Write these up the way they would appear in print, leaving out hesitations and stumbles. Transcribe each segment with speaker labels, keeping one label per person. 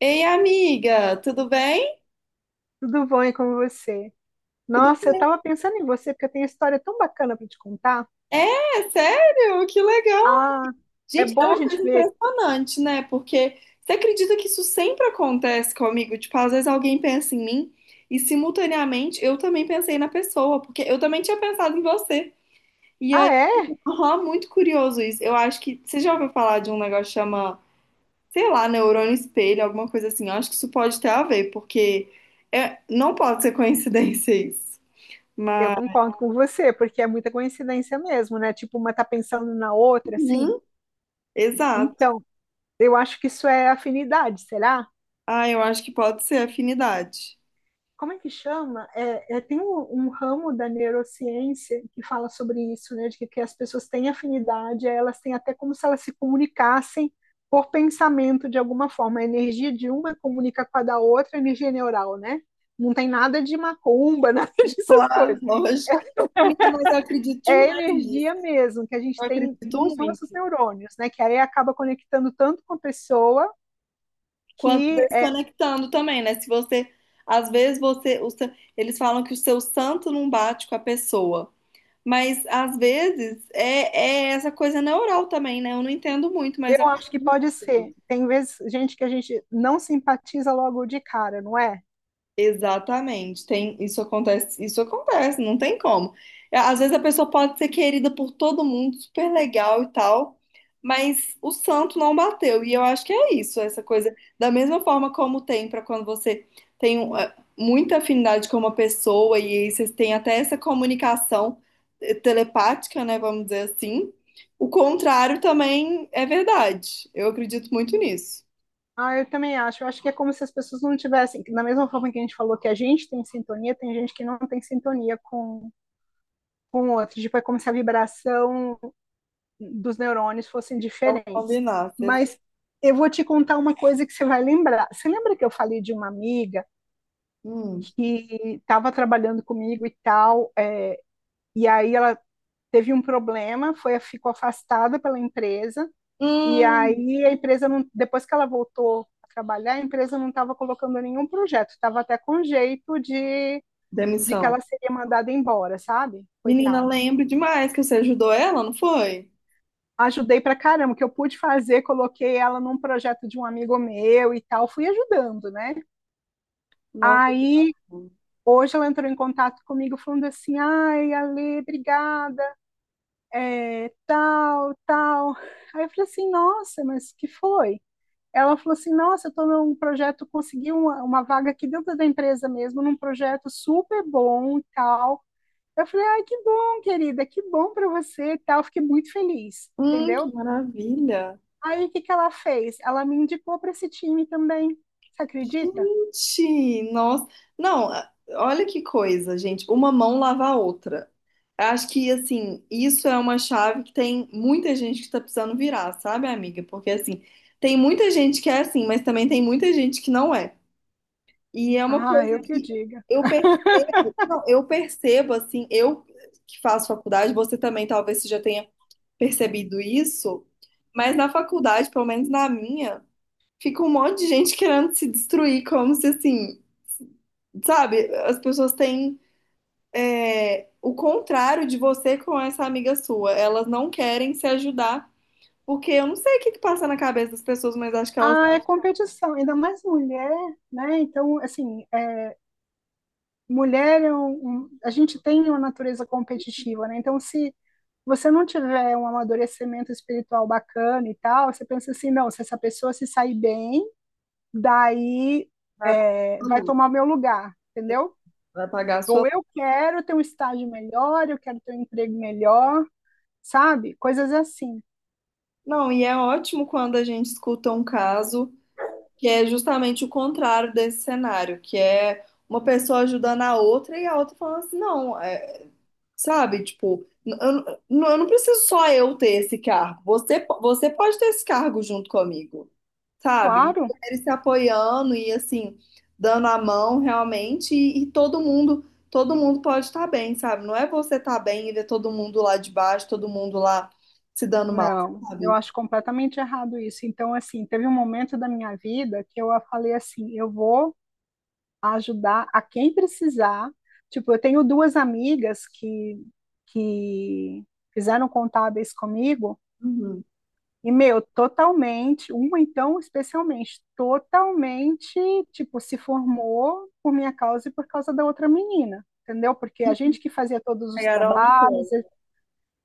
Speaker 1: Ei, amiga, tudo bem?
Speaker 2: Tudo bom e com você?
Speaker 1: Tudo
Speaker 2: Nossa, eu
Speaker 1: bem?
Speaker 2: tava pensando em você porque eu tenho uma história tão bacana para te contar.
Speaker 1: É, sério? Que legal!
Speaker 2: Ah, é
Speaker 1: Gente, é
Speaker 2: bom a
Speaker 1: uma
Speaker 2: gente
Speaker 1: coisa
Speaker 2: ver.
Speaker 1: impressionante, né? Porque você acredita que isso sempre acontece comigo? Tipo, às vezes alguém pensa em mim e simultaneamente eu também pensei na pessoa, porque eu também tinha pensado em você. E
Speaker 2: Ah,
Speaker 1: aí,
Speaker 2: é?
Speaker 1: aham, muito curioso isso. Eu acho que você já ouviu falar de um negócio que chama, sei lá, neurônio espelho, alguma coisa assim. Eu acho que isso pode ter a ver, porque não pode ser coincidência isso.
Speaker 2: Eu
Speaker 1: Mas,
Speaker 2: concordo com você, porque é muita coincidência mesmo, né? Tipo, uma tá pensando na outra, assim.
Speaker 1: uhum, exato.
Speaker 2: Então, eu acho que isso é afinidade, será?
Speaker 1: Ah, eu acho que pode ser afinidade.
Speaker 2: Como é que chama? Tem um ramo da neurociência que fala sobre isso, né? De que as pessoas têm afinidade, elas têm até como se elas se comunicassem por pensamento de alguma forma. A energia de uma comunica com a da outra, a energia neural, né? Não tem nada de macumba, nada dessas
Speaker 1: Claro,
Speaker 2: coisas.
Speaker 1: lógico. Menina, mas eu acredito
Speaker 2: É
Speaker 1: demais nisso.
Speaker 2: energia mesmo que a gente
Speaker 1: Eu
Speaker 2: tem
Speaker 1: acredito
Speaker 2: dos nossos
Speaker 1: muito.
Speaker 2: neurônios, né? Que aí acaba conectando tanto com a pessoa
Speaker 1: Quanto
Speaker 2: que...
Speaker 1: desconectando também, né? Se você, às vezes você, eles falam que o seu santo não bate com a pessoa, mas às vezes é essa coisa neural também, né? Eu não entendo muito, mas eu
Speaker 2: Eu
Speaker 1: acho
Speaker 2: acho que pode
Speaker 1: muito.
Speaker 2: ser. Tem vezes, gente, que a gente não simpatiza logo de cara, não é?
Speaker 1: Exatamente, tem, isso acontece, não tem como. É, Às vezes a pessoa pode ser querida por todo mundo, super legal e tal, mas o santo não bateu. E eu acho que é isso, essa coisa, da mesma forma como tem para quando você tem um, muita afinidade com uma pessoa e aí vocês têm até essa comunicação telepática, né, vamos dizer assim. O contrário também é verdade. Eu acredito muito nisso.
Speaker 2: Ah, eu também acho. Eu acho que é como se as pessoas não tivessem. Da mesma forma que a gente falou que a gente tem sintonia, tem gente que não tem sintonia com o outro. Tipo, é como se a vibração dos neurônios fossem
Speaker 1: Então,
Speaker 2: diferentes.
Speaker 1: combinar.
Speaker 2: Mas eu vou te contar uma coisa que você vai lembrar. Você lembra que eu falei de uma amiga
Speaker 1: Hum.
Speaker 2: que estava trabalhando comigo e tal, é, e aí ela teve um problema, foi, ficou afastada pela empresa. E
Speaker 1: Hum.
Speaker 2: aí a empresa não, depois que ela voltou a trabalhar, a empresa não estava colocando nenhum projeto, estava até com jeito de que ela
Speaker 1: Demissão.
Speaker 2: seria mandada embora, sabe?
Speaker 1: Menina,
Speaker 2: Coitada.
Speaker 1: lembro demais que você ajudou ela, não foi?
Speaker 2: Ajudei pra caramba, o que eu pude fazer, coloquei ela num projeto de um amigo meu e tal, fui ajudando, né?
Speaker 1: Nossa, que
Speaker 2: Aí
Speaker 1: bacana.
Speaker 2: hoje ela entrou em contato comigo falando assim, ai, Ale, obrigada, é, tal, tal. Aí eu falei assim, nossa, mas que foi? Ela falou assim: nossa, eu estou num projeto, consegui uma vaga aqui dentro da empresa mesmo, num projeto super bom e tal. Eu falei: ai, que bom, querida, que bom para você e tal. Fiquei muito feliz,
Speaker 1: Que
Speaker 2: entendeu?
Speaker 1: maravilha.
Speaker 2: Aí o que que ela fez? Ela me indicou para esse time também. Você acredita?
Speaker 1: Gente, nossa. Não, olha que coisa, gente. Uma mão lava a outra. Acho que, assim, isso é uma chave que tem muita gente que tá precisando virar, sabe, amiga? Porque, assim, tem muita gente que é assim, mas também tem muita gente que não é. E é uma
Speaker 2: Ah,
Speaker 1: coisa
Speaker 2: eu que o
Speaker 1: que
Speaker 2: diga.
Speaker 1: eu percebo, eu percebo assim, eu que faço faculdade, você também talvez você já tenha percebido isso, mas na faculdade, pelo menos na minha, fica um monte de gente querendo se destruir, como se assim, sabe? As pessoas têm o contrário de você com essa amiga sua. Elas não querem se ajudar, porque eu não sei o que que passa na cabeça das pessoas, mas acho que elas
Speaker 2: Ah,
Speaker 1: vão
Speaker 2: é competição, ainda mais mulher, né? Então, assim, mulher é a gente tem uma natureza competitiva, né? Então, se você não tiver um amadurecimento espiritual bacana e tal, você pensa assim, não, se essa pessoa se sair bem, daí
Speaker 1: apagar a
Speaker 2: é,
Speaker 1: sua
Speaker 2: vai
Speaker 1: luz,
Speaker 2: tomar meu lugar, entendeu?
Speaker 1: vai apagar a
Speaker 2: Ou
Speaker 1: sua.
Speaker 2: eu quero ter um estágio melhor, eu quero ter um emprego melhor, sabe? Coisas assim.
Speaker 1: Não, e é ótimo quando a gente escuta um caso que é justamente o contrário desse cenário, que é uma pessoa ajudando a outra e a outra falando assim, não, é, sabe? Tipo, eu não preciso só eu ter esse cargo. Você, você pode ter esse cargo junto comigo, sabe?
Speaker 2: Claro,
Speaker 1: Mulheres se apoiando e assim, dando a mão realmente, e todo mundo pode estar bem, sabe? Não é você estar bem e ver todo mundo lá de baixo, todo mundo lá se dando mal,
Speaker 2: não, eu
Speaker 1: sabe?
Speaker 2: acho completamente errado isso. Então, assim, teve um momento da minha vida que eu falei assim, eu vou a ajudar a quem precisar. Tipo, eu tenho duas amigas que fizeram contábeis comigo,
Speaker 1: Uhum.
Speaker 2: e, meu, totalmente, uma então especialmente, totalmente, tipo, se formou por minha causa e por causa da outra menina, entendeu? Porque a gente que fazia todos os
Speaker 1: Pegaram no
Speaker 2: trabalhos,
Speaker 1: colo.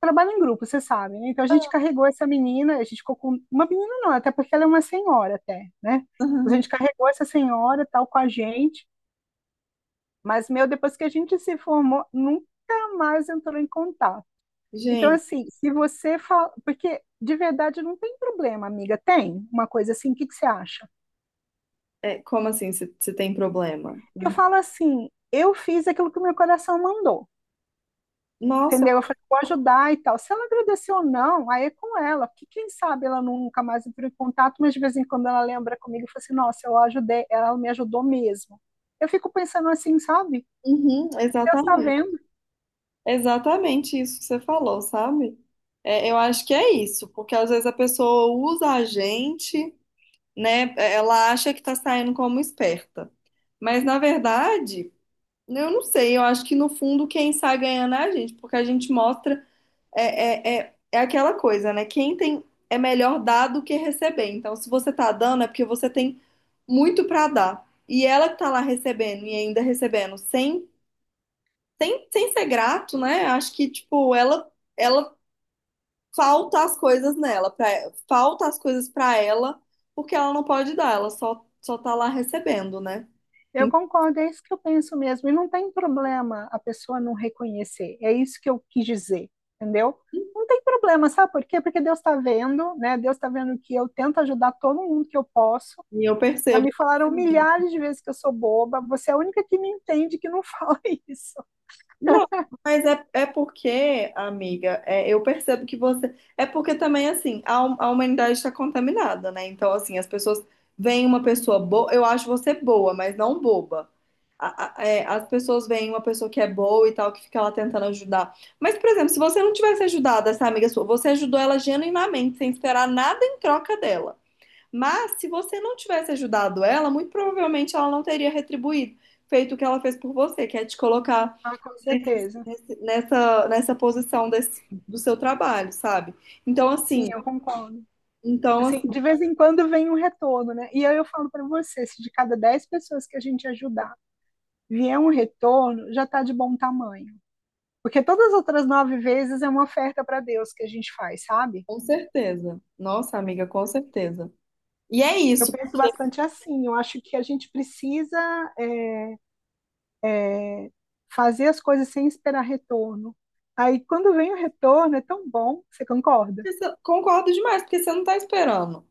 Speaker 2: trabalha em grupo, vocês sabem, né? Então a gente carregou essa menina, a gente ficou com uma menina não, até porque ela é uma senhora até, né? A gente carregou essa senhora tal com a gente, mas, meu, depois que a gente se formou, nunca mais entrou em contato. Então,
Speaker 1: Gente,
Speaker 2: assim, se você fala. Porque, de verdade, não tem problema, amiga. Tem uma coisa assim, o que, que você acha?
Speaker 1: é, como assim você tem problema?
Speaker 2: Eu falo assim, eu fiz aquilo que o meu coração mandou.
Speaker 1: Nossa,
Speaker 2: Entendeu? Eu falei, vou ajudar e tal. Se ela agradeceu ou não, aí é com ela, porque quem sabe ela nunca mais entrou em contato, mas de vez em quando ela lembra comigo e fala assim: nossa, eu ajudei, ela me ajudou mesmo. Eu fico pensando assim, sabe?
Speaker 1: uhum,
Speaker 2: Deus está
Speaker 1: exatamente.
Speaker 2: vendo.
Speaker 1: Exatamente isso que você falou, sabe? É, eu acho que é isso, porque às vezes a pessoa usa a gente, né? É, ela acha que tá saindo como esperta. Mas na verdade, eu não sei, eu acho que no fundo quem sai ganhando é a gente, porque a gente mostra é aquela coisa, né? Quem tem é melhor dar do que receber. Então, se você tá dando, é porque você tem muito para dar. E ela que tá lá recebendo e ainda recebendo sem ser grato, né? Acho que, tipo, ela falta as coisas nela, falta as coisas pra ela, porque ela não pode dar, ela só tá lá recebendo, né?
Speaker 2: Eu concordo, é isso que eu penso mesmo. E não tem problema a pessoa não reconhecer. É isso que eu quis dizer, entendeu? Não tem problema, sabe por quê? Porque Deus está vendo, né? Deus está vendo que eu tento ajudar todo mundo que eu posso.
Speaker 1: E eu
Speaker 2: Já
Speaker 1: percebo
Speaker 2: me
Speaker 1: isso
Speaker 2: falaram
Speaker 1: muito.
Speaker 2: milhares de vezes que eu sou boba. Você é a única que me entende que não fala isso.
Speaker 1: Não, mas é porque, amiga, é, eu percebo que você. É porque também, assim, a humanidade está contaminada, né? Então, assim, as pessoas veem uma pessoa boa. Eu acho você boa, mas não boba. A- é, as pessoas veem uma pessoa que é boa e tal, que fica lá tentando ajudar. Mas, por exemplo, se você não tivesse ajudado essa amiga sua, você ajudou ela genuinamente, sem esperar nada em troca dela. Mas, se você não tivesse ajudado ela, muito provavelmente ela não teria retribuído, feito o que ela fez por você, que é te colocar
Speaker 2: Ah, com certeza.
Speaker 1: nessa, do seu trabalho, sabe? Então,
Speaker 2: Sim,
Speaker 1: assim,
Speaker 2: eu concordo.
Speaker 1: então, assim,
Speaker 2: Assim, de vez em quando vem um retorno, né? E aí eu falo para você, se de cada 10 pessoas que a gente ajudar vier um retorno, já está de bom tamanho. Porque todas as outras nove vezes é uma oferta para Deus que a gente faz, sabe?
Speaker 1: com certeza. Nossa, amiga, com certeza. E é
Speaker 2: Eu
Speaker 1: isso.
Speaker 2: penso bastante assim. Eu acho que a gente precisa é, fazer as coisas sem esperar retorno. Aí, quando vem o retorno, é tão bom. Você concorda?
Speaker 1: Concordo demais, porque você não tá esperando.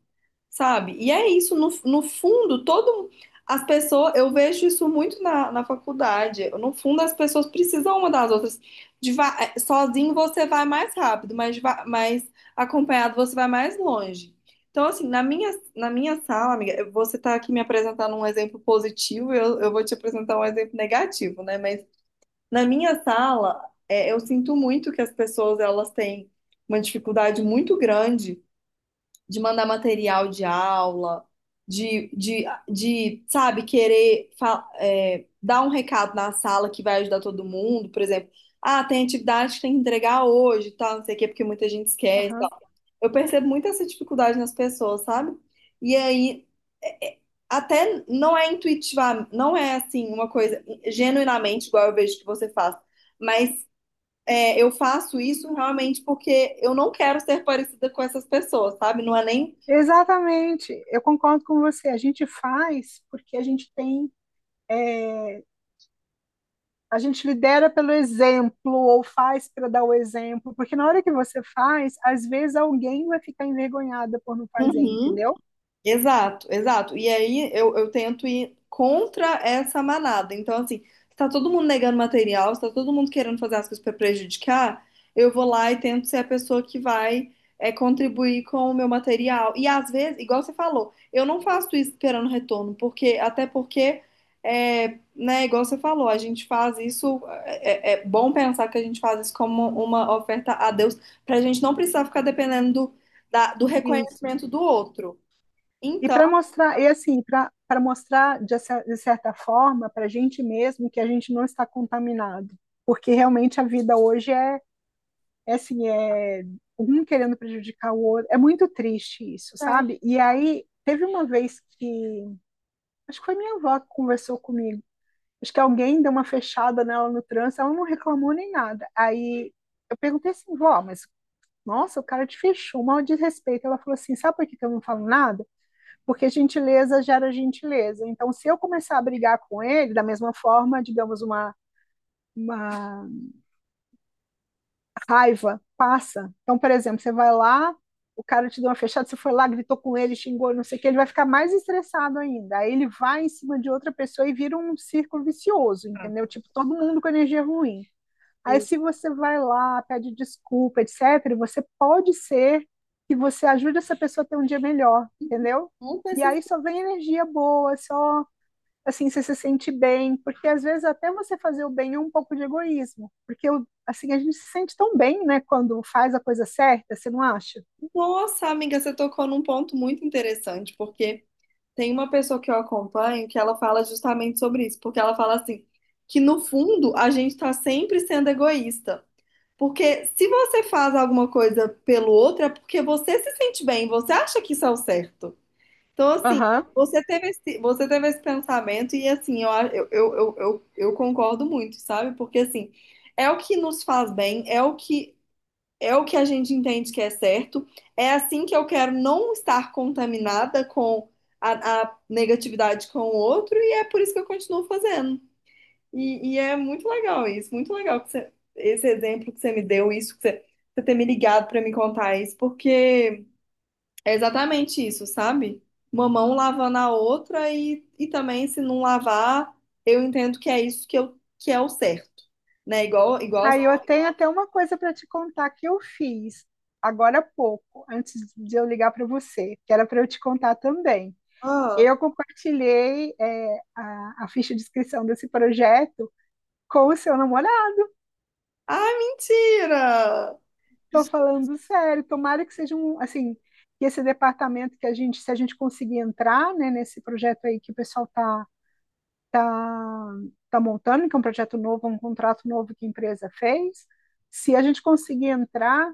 Speaker 1: Sabe? E é isso, no fundo, todo as pessoas, eu vejo isso muito na faculdade. No fundo, as pessoas precisam uma das outras. Sozinho você vai mais rápido, mas, mas acompanhado você vai mais longe. Então, assim, na minha sala, amiga, você está aqui me apresentando um exemplo positivo, eu vou te apresentar um exemplo negativo, né? Mas na minha sala, eu sinto muito que as pessoas elas têm uma dificuldade muito grande de mandar material de aula, de sabe, dar um recado na sala que vai ajudar todo mundo, por exemplo. Ah, tem atividade que tem que entregar hoje, tal, não sei o quê, porque muita gente esquece,
Speaker 2: Aham.
Speaker 1: tal. Eu percebo muito essa dificuldade nas pessoas, sabe? E aí, é- é- até não é intuitiva, não é assim uma coisa genuinamente igual eu vejo que você faz, mas é, eu faço isso realmente porque eu não quero ser parecida com essas pessoas, sabe? Não é nem
Speaker 2: Exatamente. Eu concordo com você. A gente faz porque a gente tem. É, a gente lidera pelo exemplo ou faz para dar o exemplo, porque na hora que você faz, às vezes alguém vai ficar envergonhada por não fazer,
Speaker 1: uhum.
Speaker 2: entendeu?
Speaker 1: Exato, exato. E aí eu tento ir contra essa manada. Então, assim, se tá todo mundo negando material, se tá todo mundo querendo fazer as coisas para prejudicar, eu vou lá e tento ser a pessoa que vai contribuir com o meu material. E às vezes, igual você falou, eu não faço isso esperando retorno, porque até porque, né, igual você falou, a gente faz isso, é bom pensar que a gente faz isso como uma oferta a Deus, pra gente não precisar ficar dependendo do
Speaker 2: E
Speaker 1: reconhecimento do outro.
Speaker 2: E
Speaker 1: Então,
Speaker 2: para mostrar, e assim, para mostrar de, cer- de certa forma para a gente mesmo que a gente não está contaminado, porque realmente a vida hoje é, é assim, é um querendo prejudicar o outro, é muito triste isso,
Speaker 1: tá.
Speaker 2: sabe? E aí teve uma vez que, acho que foi minha avó que conversou comigo, acho que alguém deu uma fechada nela no trânsito, ela não reclamou nem nada. Aí eu perguntei assim, vó, mas nossa, o cara te fechou, mal desrespeito. Ela falou assim, sabe por que que eu não falo nada? Porque gentileza gera gentileza. Então, se eu começar a brigar com ele, da mesma forma, digamos, uma raiva passa. Então, por exemplo, você vai lá, o cara te deu uma fechada, você foi lá, gritou com ele, xingou, não sei o que, ele vai ficar mais estressado ainda. Aí ele vai em cima de outra pessoa e vira um círculo vicioso, entendeu? Tipo, todo mundo com energia ruim. Aí,
Speaker 1: É,
Speaker 2: se você vai lá, pede desculpa, etc., você pode ser que você ajude essa pessoa a ter um dia melhor, entendeu?
Speaker 1: conta
Speaker 2: E aí só vem energia boa, só assim, você se sente bem, porque às vezes até você fazer o bem é um pouco de egoísmo, porque assim, a gente se sente tão bem, né, quando faz a coisa certa, você não acha?
Speaker 1: Nossa, amiga, você tocou num ponto muito interessante, porque tem uma pessoa que eu acompanho que ela fala justamente sobre isso, porque ela fala assim, que no fundo a gente está sempre sendo egoísta, porque se você faz alguma coisa pelo outro é porque você se sente bem, você acha que isso é o certo. Então, assim,
Speaker 2: Aham.
Speaker 1: você teve esse pensamento e, assim, eu, a- eu, eu concordo muito, sabe? Porque, assim, é o que nos faz bem, é o que a gente entende que é certo. É assim que eu quero não estar contaminada com a negatividade com o outro, e é por isso que eu continuo fazendo. E é muito legal isso, muito legal esse exemplo que você me deu, isso que você ter me ligado para me contar isso, porque é exatamente isso, sabe? Uma mão lavando a outra, e também se não lavar, eu entendo que é isso que, que é o certo, né? Igual, igual as
Speaker 2: Aí eu
Speaker 1: pessoas.
Speaker 2: tenho até uma coisa para te contar que eu fiz agora há pouco, antes de eu ligar para você, que era para eu te contar também. Eu compartilhei, é, a ficha de inscrição desse projeto com o seu namorado.
Speaker 1: Ah, mentira!
Speaker 2: Estou falando sério, tomara que seja um, assim, que esse departamento que a gente, se a gente conseguir entrar, né, nesse projeto aí que o pessoal tá, tá, tá montando, que é um projeto novo, um contrato novo que a empresa fez, se a gente conseguir entrar,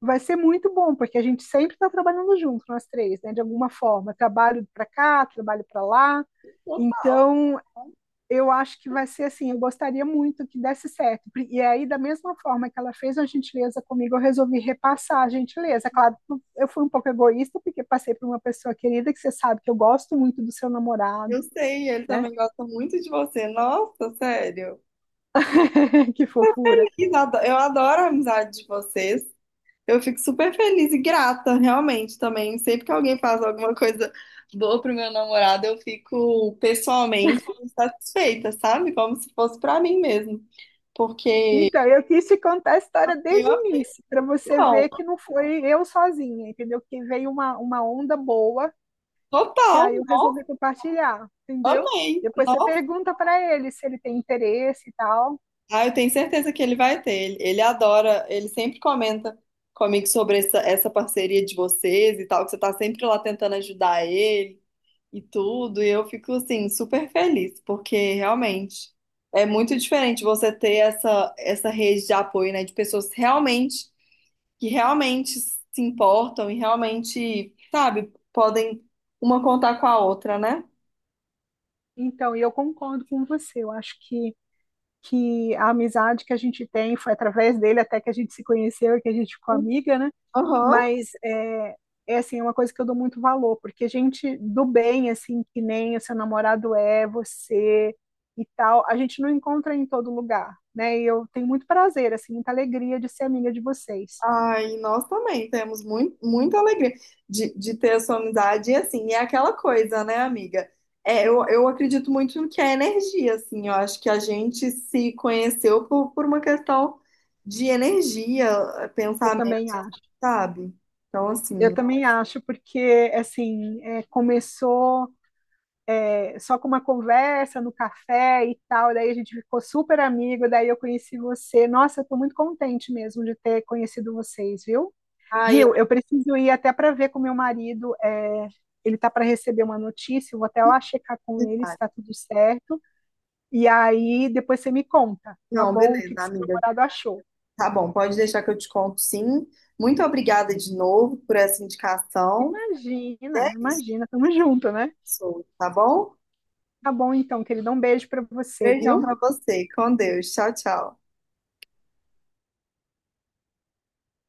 Speaker 2: vai ser muito bom, porque a gente sempre está trabalhando junto, nós três, né, de alguma forma, trabalho para cá, trabalho para lá,
Speaker 1: Total.
Speaker 2: então eu acho que vai ser assim, eu gostaria muito que desse certo. E aí, da mesma forma que ela fez a gentileza comigo, eu resolvi repassar a gentileza. Claro, eu fui um pouco egoísta, porque passei por uma pessoa querida, que você sabe que eu gosto muito do seu
Speaker 1: Eu
Speaker 2: namorado,
Speaker 1: sei, ele
Speaker 2: né?
Speaker 1: também gosta muito de você. Nossa, sério.
Speaker 2: Que fofura.
Speaker 1: Eu adoro a amizade de vocês. Eu fico super feliz e grata, realmente, também. Sempre que alguém faz alguma coisa boa pro meu namorado, eu fico pessoalmente satisfeita, sabe? Como se fosse pra mim mesmo. Porque
Speaker 2: Então, eu quis te contar a história
Speaker 1: eu,
Speaker 2: desde o início, para você
Speaker 1: não,
Speaker 2: ver que não foi eu sozinha, entendeu? Que veio uma onda boa, que
Speaker 1: total,
Speaker 2: aí eu
Speaker 1: nossa,
Speaker 2: resolvi compartilhar, entendeu?
Speaker 1: amei.
Speaker 2: Depois você pergunta para ele se ele tem interesse e tal.
Speaker 1: Ah, eu tenho certeza que ele vai ter. Ele adora, ele sempre comenta comigo sobre essa, essa parceria de vocês e tal, que você tá sempre lá tentando ajudar ele e tudo. E eu fico, assim, super feliz, porque realmente é muito diferente você ter essa, essa rede de apoio, né, de pessoas realmente, que realmente se importam e realmente, sabe, podem uma contar com a outra, né?
Speaker 2: Então, e eu concordo com você. Eu acho que a amizade que a gente tem foi através dele até que a gente se conheceu e que a gente ficou amiga, né?
Speaker 1: Aham.
Speaker 2: Mas é, é assim, é uma coisa que eu dou muito valor, porque gente do bem, assim, que nem o seu namorado é, você e tal, a gente não encontra em todo lugar, né? E eu tenho muito prazer, assim, muita alegria de ser amiga de vocês.
Speaker 1: Ai, nós também temos muito, muita alegria de ter a sua amizade. E assim, é aquela coisa, né, amiga? É, eu acredito muito no que é energia, assim. Eu acho que a gente se conheceu por uma questão de energia,
Speaker 2: Eu também
Speaker 1: pensamento,
Speaker 2: acho.
Speaker 1: sabe? Então,
Speaker 2: Eu
Speaker 1: assim,
Speaker 2: também acho, porque assim, é, começou é, só com uma conversa no café e tal, daí a gente ficou super amigo, daí eu conheci você. Nossa, eu tô muito contente mesmo de ter conhecido vocês, viu?
Speaker 1: ai, eu...
Speaker 2: Viu? Eu preciso ir até para ver com meu marido, é, ele tá para receber uma notícia, eu vou até lá checar com ele se tá tudo certo, e aí depois você me conta, tá
Speaker 1: Não,
Speaker 2: bom? O
Speaker 1: beleza,
Speaker 2: que que seu
Speaker 1: amiga.
Speaker 2: namorado achou?
Speaker 1: Tá bom, pode deixar que eu te conto, sim. Muito obrigada de novo por essa indicação. E
Speaker 2: Imagina,
Speaker 1: é isso,
Speaker 2: imagina, tamo junto, né?
Speaker 1: pessoal, tá bom?
Speaker 2: Tá bom então, querido, um beijo para você,
Speaker 1: Beijão
Speaker 2: viu?
Speaker 1: pra você. Com Deus. Tchau, tchau.